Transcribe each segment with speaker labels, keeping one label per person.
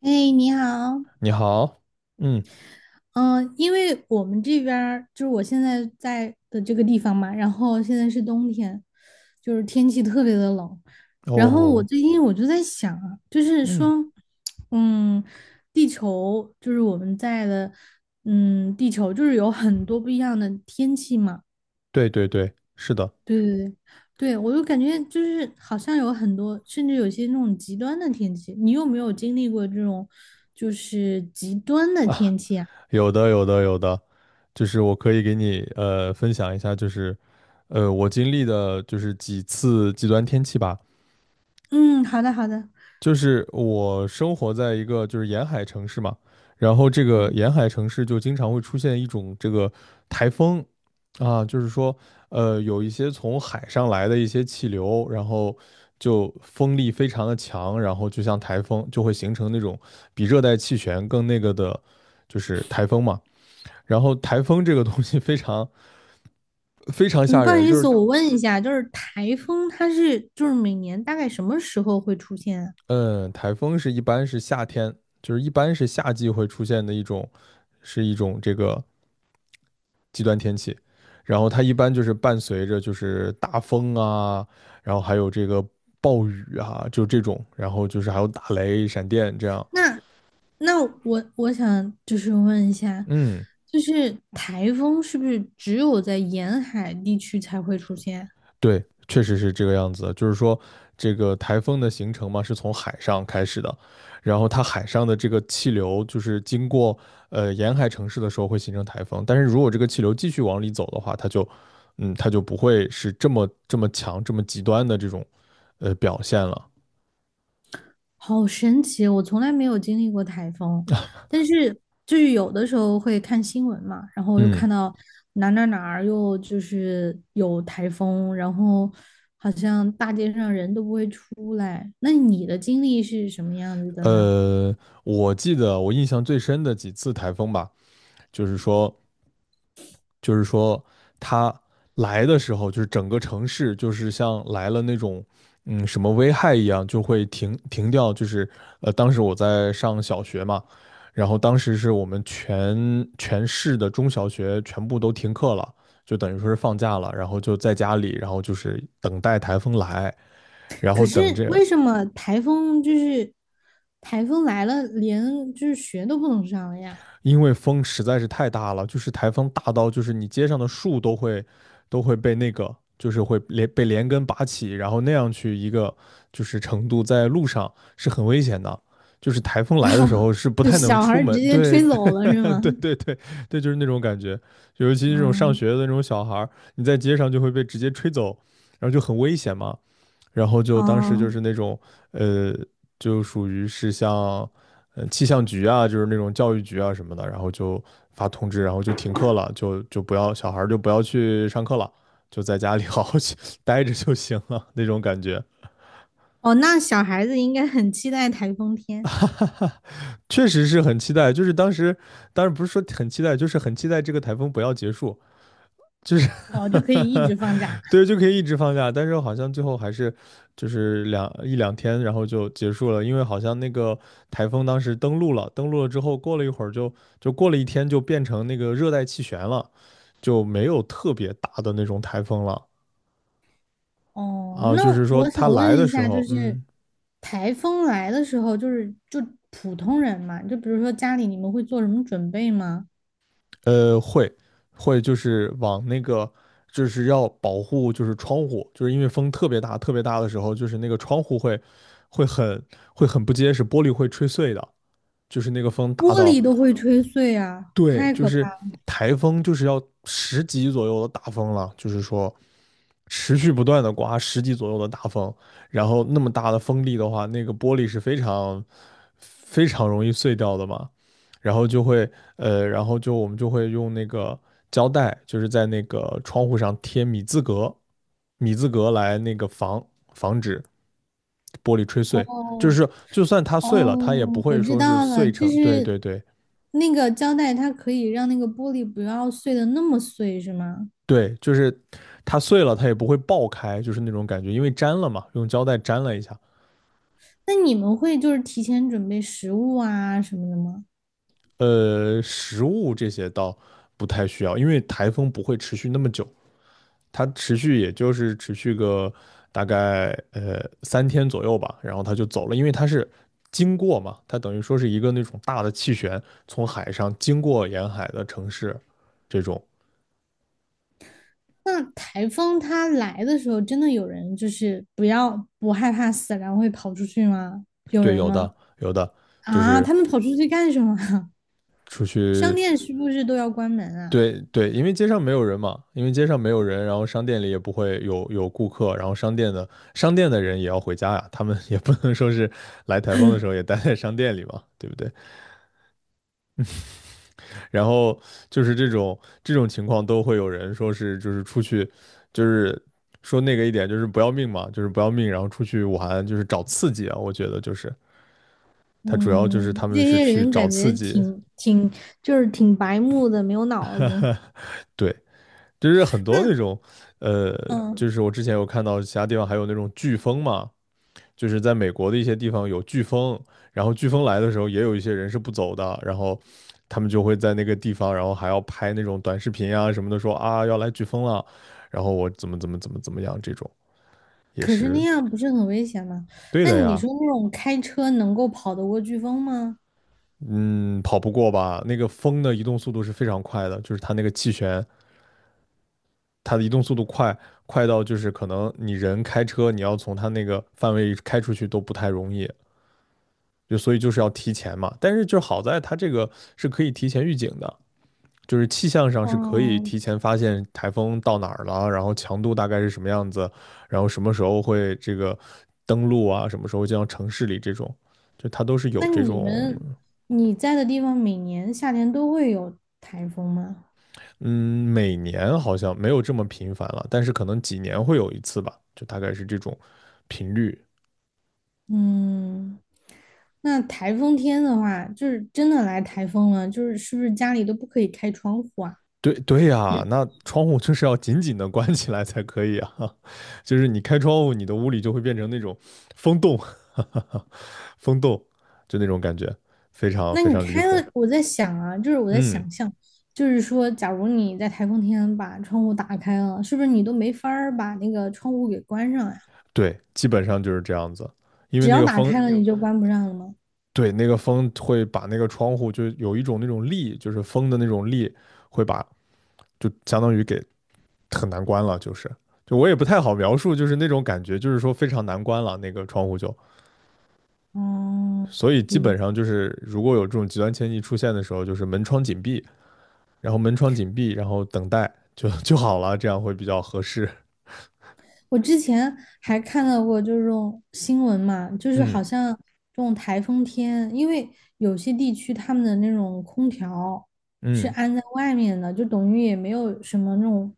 Speaker 1: 哎，你好，
Speaker 2: 你好。嗯。
Speaker 1: 嗯，因为我们这边儿就是我现在在的这个地方嘛，然后现在是冬天，就是天气特别的冷，然后我
Speaker 2: 哦。
Speaker 1: 最近就在想啊，就是
Speaker 2: 嗯。
Speaker 1: 说，嗯，地球就是我们在的，地球就是有很多不一样的天气嘛。
Speaker 2: 对对对，是的。
Speaker 1: 对对对，对我就感觉就是好像有很多，甚至有些那种极端的天气，你有没有经历过这种就是极端的天气啊？
Speaker 2: 有的有的有的。就是我可以给你分享一下，就是我经历的就是几次极端天气吧。
Speaker 1: 嗯，好的好的。
Speaker 2: 就是我生活在一个就是沿海城市嘛，然后这个沿海城市就经常会出现一种这个台风啊。就是说，有一些从海上来的一些气流，然后就风力非常的强，然后就像台风，就会形成那种比热带气旋更那个的，就是台风嘛。然后台风这个东西非常非常
Speaker 1: 嗯，
Speaker 2: 吓
Speaker 1: 不好
Speaker 2: 人。
Speaker 1: 意
Speaker 2: 就
Speaker 1: 思，
Speaker 2: 是
Speaker 1: 我问一下，就是台风它是就是每年大概什么时候会出现啊？
Speaker 2: 嗯，台风是一般是夏天，就是一般是夏季会出现的一种，是一种这个极端天气。然后它一般就是伴随着就是大风啊，然后还有这个暴雨啊，就这种，然后就是还有打雷、闪电这样。
Speaker 1: 那我想就是问一下，
Speaker 2: 嗯，
Speaker 1: 就是台风是不是只有在沿海地区才会出现？
Speaker 2: 对，确实是这个样子。就是说，这个台风的形成嘛，是从海上开始的，然后它海上的这个气流，就是经过沿海城市的时候会形成台风。但是如果这个气流继续往里走的话，它就不会是这么这么强、这么极端的这种表现了。
Speaker 1: 好神奇，我从来没有经历过台风，但是就是有的时候会看新闻嘛，然后又
Speaker 2: 嗯，
Speaker 1: 看到哪儿又就是有台风，然后好像大街上人都不会出来。那你的经历是什么样子的呢？
Speaker 2: 呃，我记得我印象最深的几次台风吧，就是说，就是说他来的时候，就是整个城市就是像来了那种什么危害一样，就会停掉。就是当时我在上小学嘛，然后当时是我们全市的中小学全部都停课了，就等于说是放假了，然后就在家里，然后就是等待台风来，然后
Speaker 1: 可是
Speaker 2: 等这
Speaker 1: 为什么台风就是台风来了，连就是学都不能上了呀？
Speaker 2: 因为风实在是太大了，就是台风大到就是你街上的树都会被那个就是会连根拔起，然后那样去一个就是程度，在路上是很危险的。就是台风来的时候是不
Speaker 1: 就
Speaker 2: 太能
Speaker 1: 小孩
Speaker 2: 出
Speaker 1: 儿直
Speaker 2: 门。
Speaker 1: 接
Speaker 2: 对
Speaker 1: 吹
Speaker 2: 对
Speaker 1: 走了 是
Speaker 2: 对
Speaker 1: 吗？
Speaker 2: 对对对，就是那种感觉。尤其这种上
Speaker 1: 嗯。
Speaker 2: 学的那种小孩儿，你在街上就会被直接吹走，然后就很危险嘛。然后就当时就
Speaker 1: 哦
Speaker 2: 是那种呃，就属于是像气象局啊，就是那种教育局啊什么的，然后就发通知，然后就停课了，就不要小孩儿就不要去上课了，就在家里 好好去 待着就行了那种感觉。
Speaker 1: 哦，那小孩子应该很期待台风天。
Speaker 2: 确实是很期待，就是当时，当然不是说很期待，就是很期待这个台风不要结束。就是
Speaker 1: 哦，就可以一直放假。
Speaker 2: 对，就可以一直放假，但是好像最后还是就是一两天，然后就结束了，因为好像那个台风当时登陆了，登陆了之后过了一会儿就过了一天就变成那个热带气旋了，就没有特别大的那种台风了
Speaker 1: 哦，
Speaker 2: 啊。
Speaker 1: 那
Speaker 2: 就是说
Speaker 1: 我
Speaker 2: 它
Speaker 1: 想问
Speaker 2: 来的
Speaker 1: 一
Speaker 2: 时
Speaker 1: 下，就
Speaker 2: 候，
Speaker 1: 是台风来的时候，就是普通人嘛，就比如说家里你们会做什么准备吗？
Speaker 2: 呃会会就是往那个就是要保护就是窗户，就是因为风特别大特别大的时候，就是那个窗户会很会很不结实，玻璃会吹碎的。就是那个风大
Speaker 1: 玻
Speaker 2: 到，
Speaker 1: 璃都会吹碎啊，
Speaker 2: 对，
Speaker 1: 太
Speaker 2: 就
Speaker 1: 可怕
Speaker 2: 是
Speaker 1: 了。
Speaker 2: 台风就是要十级左右的大风了，就是说持续不断的刮十级左右的大风，然后那么大的风力的话，那个玻璃是非常非常容易碎掉的嘛，然后然后就我们就会用那个胶带，就是在那个窗户上贴米字格来那个防止玻璃吹碎。就
Speaker 1: 哦
Speaker 2: 是就算它碎了，它也不
Speaker 1: 哦，我
Speaker 2: 会
Speaker 1: 知
Speaker 2: 说是
Speaker 1: 道了，
Speaker 2: 碎
Speaker 1: 就
Speaker 2: 成，对
Speaker 1: 是
Speaker 2: 对对。
Speaker 1: 那个胶带，它可以让那个玻璃不要碎的那么碎，是吗？
Speaker 2: 对，就是它碎了，它也不会爆开，就是那种感觉，因为粘了嘛，用胶带粘了一下。
Speaker 1: 那你们会就是提前准备食物啊什么的吗？
Speaker 2: 食物这些倒不太需要，因为台风不会持续那么久，它持续也就是持续个大概3天左右吧，然后它就走了，因为它是经过嘛，它等于说是一个那种大的气旋从海上经过沿海的城市，这种
Speaker 1: 那台风它来的时候，真的有人就是不要不害怕死，然后会跑出去吗？有
Speaker 2: 对。
Speaker 1: 人
Speaker 2: 有的
Speaker 1: 吗？
Speaker 2: 有的。就
Speaker 1: 啊，
Speaker 2: 是
Speaker 1: 他们跑出去干什么啊？
Speaker 2: 出
Speaker 1: 商
Speaker 2: 去。
Speaker 1: 店是不是都要关门啊？
Speaker 2: 对对，因为街上没有人嘛，因为街上没有人，然后商店里也不会有顾客，然后商店的人也要回家呀，他们也不能说是来台风的时候也待在商店里嘛，对不对？然后就是这种情况都会有人说是就是出去，就是说那个一点就是不要命嘛，就是不要命，然后出去玩就是找刺激啊，我觉得就是他主要就是他
Speaker 1: 嗯，
Speaker 2: 们
Speaker 1: 这
Speaker 2: 是
Speaker 1: 些
Speaker 2: 去
Speaker 1: 人
Speaker 2: 找
Speaker 1: 感觉
Speaker 2: 刺激。
Speaker 1: 挺就是挺白目的，没有脑子。
Speaker 2: 对，就是很多那
Speaker 1: 那
Speaker 2: 种。呃，
Speaker 1: 嗯，呃
Speaker 2: 就是我之前有看到其他地方还有那种飓风嘛，就是在美国的一些地方有飓风，然后飓风来的时候也有一些人是不走的，然后他们就会在那个地方，然后还要拍那种短视频啊什么的，说啊要来飓风了，然后我怎么怎么怎么怎么样，这种也
Speaker 1: 可是那
Speaker 2: 是
Speaker 1: 样不是很危险吗？
Speaker 2: 对
Speaker 1: 那
Speaker 2: 的
Speaker 1: 你
Speaker 2: 呀。
Speaker 1: 说那种开车能够跑得过飓风吗？
Speaker 2: 嗯，跑不过吧？那个风的移动速度是非常快的，就是它那个气旋，它的移动速度快，快到就是可能你人开车，你要从它那个范围开出去都不太容易，就所以就是要提前嘛。但是就好在它这个是可以提前预警的，就是气象上是可以
Speaker 1: 哦，
Speaker 2: 提前发现台风到哪儿了，然后强度大概是什么样子，然后什么时候会这个登陆啊，什么时候进到城市里这种，就它都是
Speaker 1: 那
Speaker 2: 有这
Speaker 1: 你
Speaker 2: 种。
Speaker 1: 们你在的地方每年夏天都会有台风吗？
Speaker 2: 嗯，每年好像没有这么频繁了，但是可能几年会有一次吧，就大概是这种频率。
Speaker 1: 嗯，那台风天的话，就是真的来台风了，就是是不是家里都不可以开窗户啊？
Speaker 2: 对对呀，那窗户就是要紧紧的关起来才可以啊。就是你开窗户，你的屋里就会变成那种风洞，风洞，就那种感觉，非常
Speaker 1: 那
Speaker 2: 非
Speaker 1: 你
Speaker 2: 常离
Speaker 1: 开
Speaker 2: 谱。
Speaker 1: 了，我在想啊，就是我在
Speaker 2: 嗯，
Speaker 1: 想象，就是说，假如你在台风天把窗户打开了，是不是你都没法儿把那个窗户给关上呀？
Speaker 2: 对，基本上就是这样子，因为
Speaker 1: 只
Speaker 2: 那
Speaker 1: 要
Speaker 2: 个
Speaker 1: 打
Speaker 2: 风。
Speaker 1: 开了，你就关不上了吗？
Speaker 2: 对，那个风会把那个窗户就有一种那种力，就是风的那种力，会把就相当于给很难关了，就是，就我也不太好描述，就是那种感觉，就是说非常难关了那个窗户就。
Speaker 1: 哦，
Speaker 2: 所以基本上就是如果有这种极端天气出现的时候，就是门窗紧闭，然后门窗紧闭，然后等待就好了，这样会比较合适。
Speaker 1: 我之前还看到过这种新闻嘛，就是好
Speaker 2: 嗯。
Speaker 1: 像这种台风天，因为有些地区他们的那种空调是
Speaker 2: 嗯。
Speaker 1: 安在外面的，就等于也没有什么那种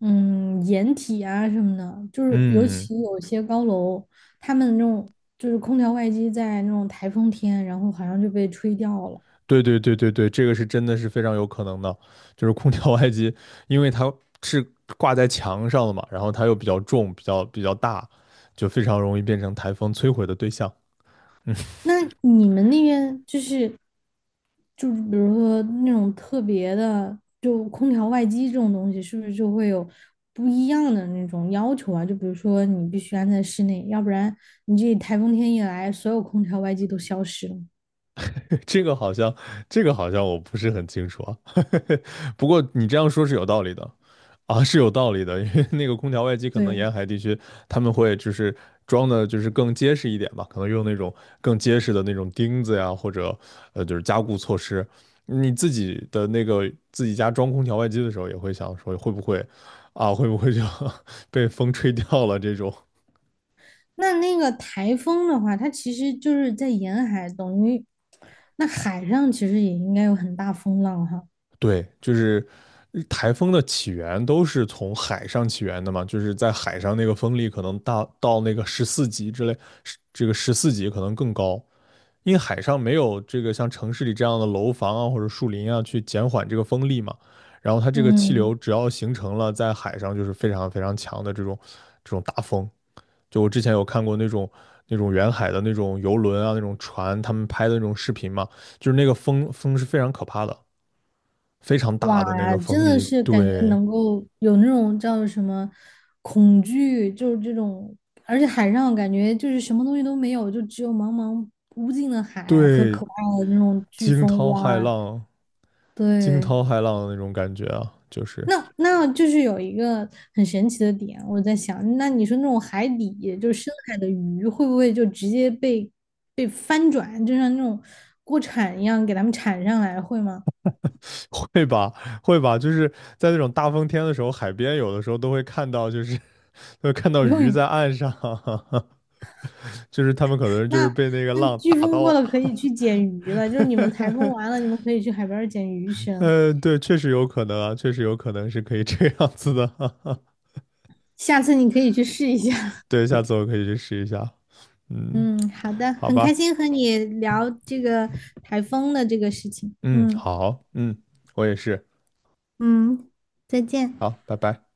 Speaker 1: 掩体啊什么的，就是尤
Speaker 2: 嗯。
Speaker 1: 其有些高楼，他们那种就是空调外机在那种台风天，然后好像就被吹掉了。
Speaker 2: 对对对对对，这个是真的是非常有可能的，就是空调外机，因为它是挂在墙上的嘛，然后它又比较重，比较大，就非常容易变成台风摧毁的对象。
Speaker 1: 那你们那边就是，就是比如说那种特别的，就空调外机这种东西，是不是就会有不一样的那种要求啊？就比如说你必须安在室内，要不然你这台风天一来，所有空调外机都消失了。
Speaker 2: 这个好像，这个好像我不是很清楚啊。不过你这样说是有道理的啊，是有道理的，因为那个空调外机可能
Speaker 1: 对，
Speaker 2: 沿海地区他们会就是装的，就是更结实一点吧，可能用那种更结实的那种钉子呀，或者就是加固措施。你自己的那个自己家装空调外机的时候，也会想说会不会啊，会不会就 被风吹掉了这种。
Speaker 1: 那那个台风的话，它其实就是在沿海，等于那海上其实也应该有很大风浪哈。
Speaker 2: 对，就是台风的起源都是从海上起源的嘛，就是在海上那个风力可能大到那个十四级之类，是这个十四级可能更高，因为海上没有这个像城市里这样的楼房啊或者树林啊去减缓这个风力嘛，然后它这个气流
Speaker 1: 嗯。
Speaker 2: 只要形成了，在海上就是非常非常强的这种大风，就我之前有看过那种。那种远海的那种游轮啊，那种船，他们拍的那种视频嘛，就是那个风是非常可怕的。非常大
Speaker 1: 哇，
Speaker 2: 的那个风
Speaker 1: 真的
Speaker 2: 力。
Speaker 1: 是感觉
Speaker 2: 对
Speaker 1: 能够有那种叫什么恐惧，就是这种，而且海上感觉就是什么东西都没有，就只有茫茫无尽的海和
Speaker 2: 对，
Speaker 1: 可怕的那种飓
Speaker 2: 惊
Speaker 1: 风。
Speaker 2: 涛骇
Speaker 1: 哇，
Speaker 2: 浪、惊
Speaker 1: 对，
Speaker 2: 涛骇浪的那种感觉啊，就是
Speaker 1: 那那就是有一个很神奇的点，我在想，那你说那种海底就是深海的鱼，会不会就直接被被翻转，就像那种锅铲一样给它们铲上来，会吗？
Speaker 2: 会吧，会吧，就是在那种大风天的时候，海边有的时候都会看到，就是 会 看到鱼
Speaker 1: 用
Speaker 2: 在岸上，就是他们可能就
Speaker 1: 那
Speaker 2: 是被那个
Speaker 1: 那
Speaker 2: 浪
Speaker 1: 飓
Speaker 2: 打
Speaker 1: 风过
Speaker 2: 到。
Speaker 1: 了可以去捡鱼了，就是你们台风完了，你们可以去海边儿捡鱼吃。
Speaker 2: 对，确实有可能啊，确实有可能是可以这样子的。
Speaker 1: 下次你可以去试一下。
Speaker 2: 对，下次我可以去试一下。嗯。
Speaker 1: 嗯，好的，
Speaker 2: 好
Speaker 1: 很开
Speaker 2: 吧。
Speaker 1: 心和你聊这个台风的这个事情。
Speaker 2: 嗯，
Speaker 1: 嗯
Speaker 2: 好，嗯，我也是。
Speaker 1: 嗯，再见。
Speaker 2: 好，拜拜。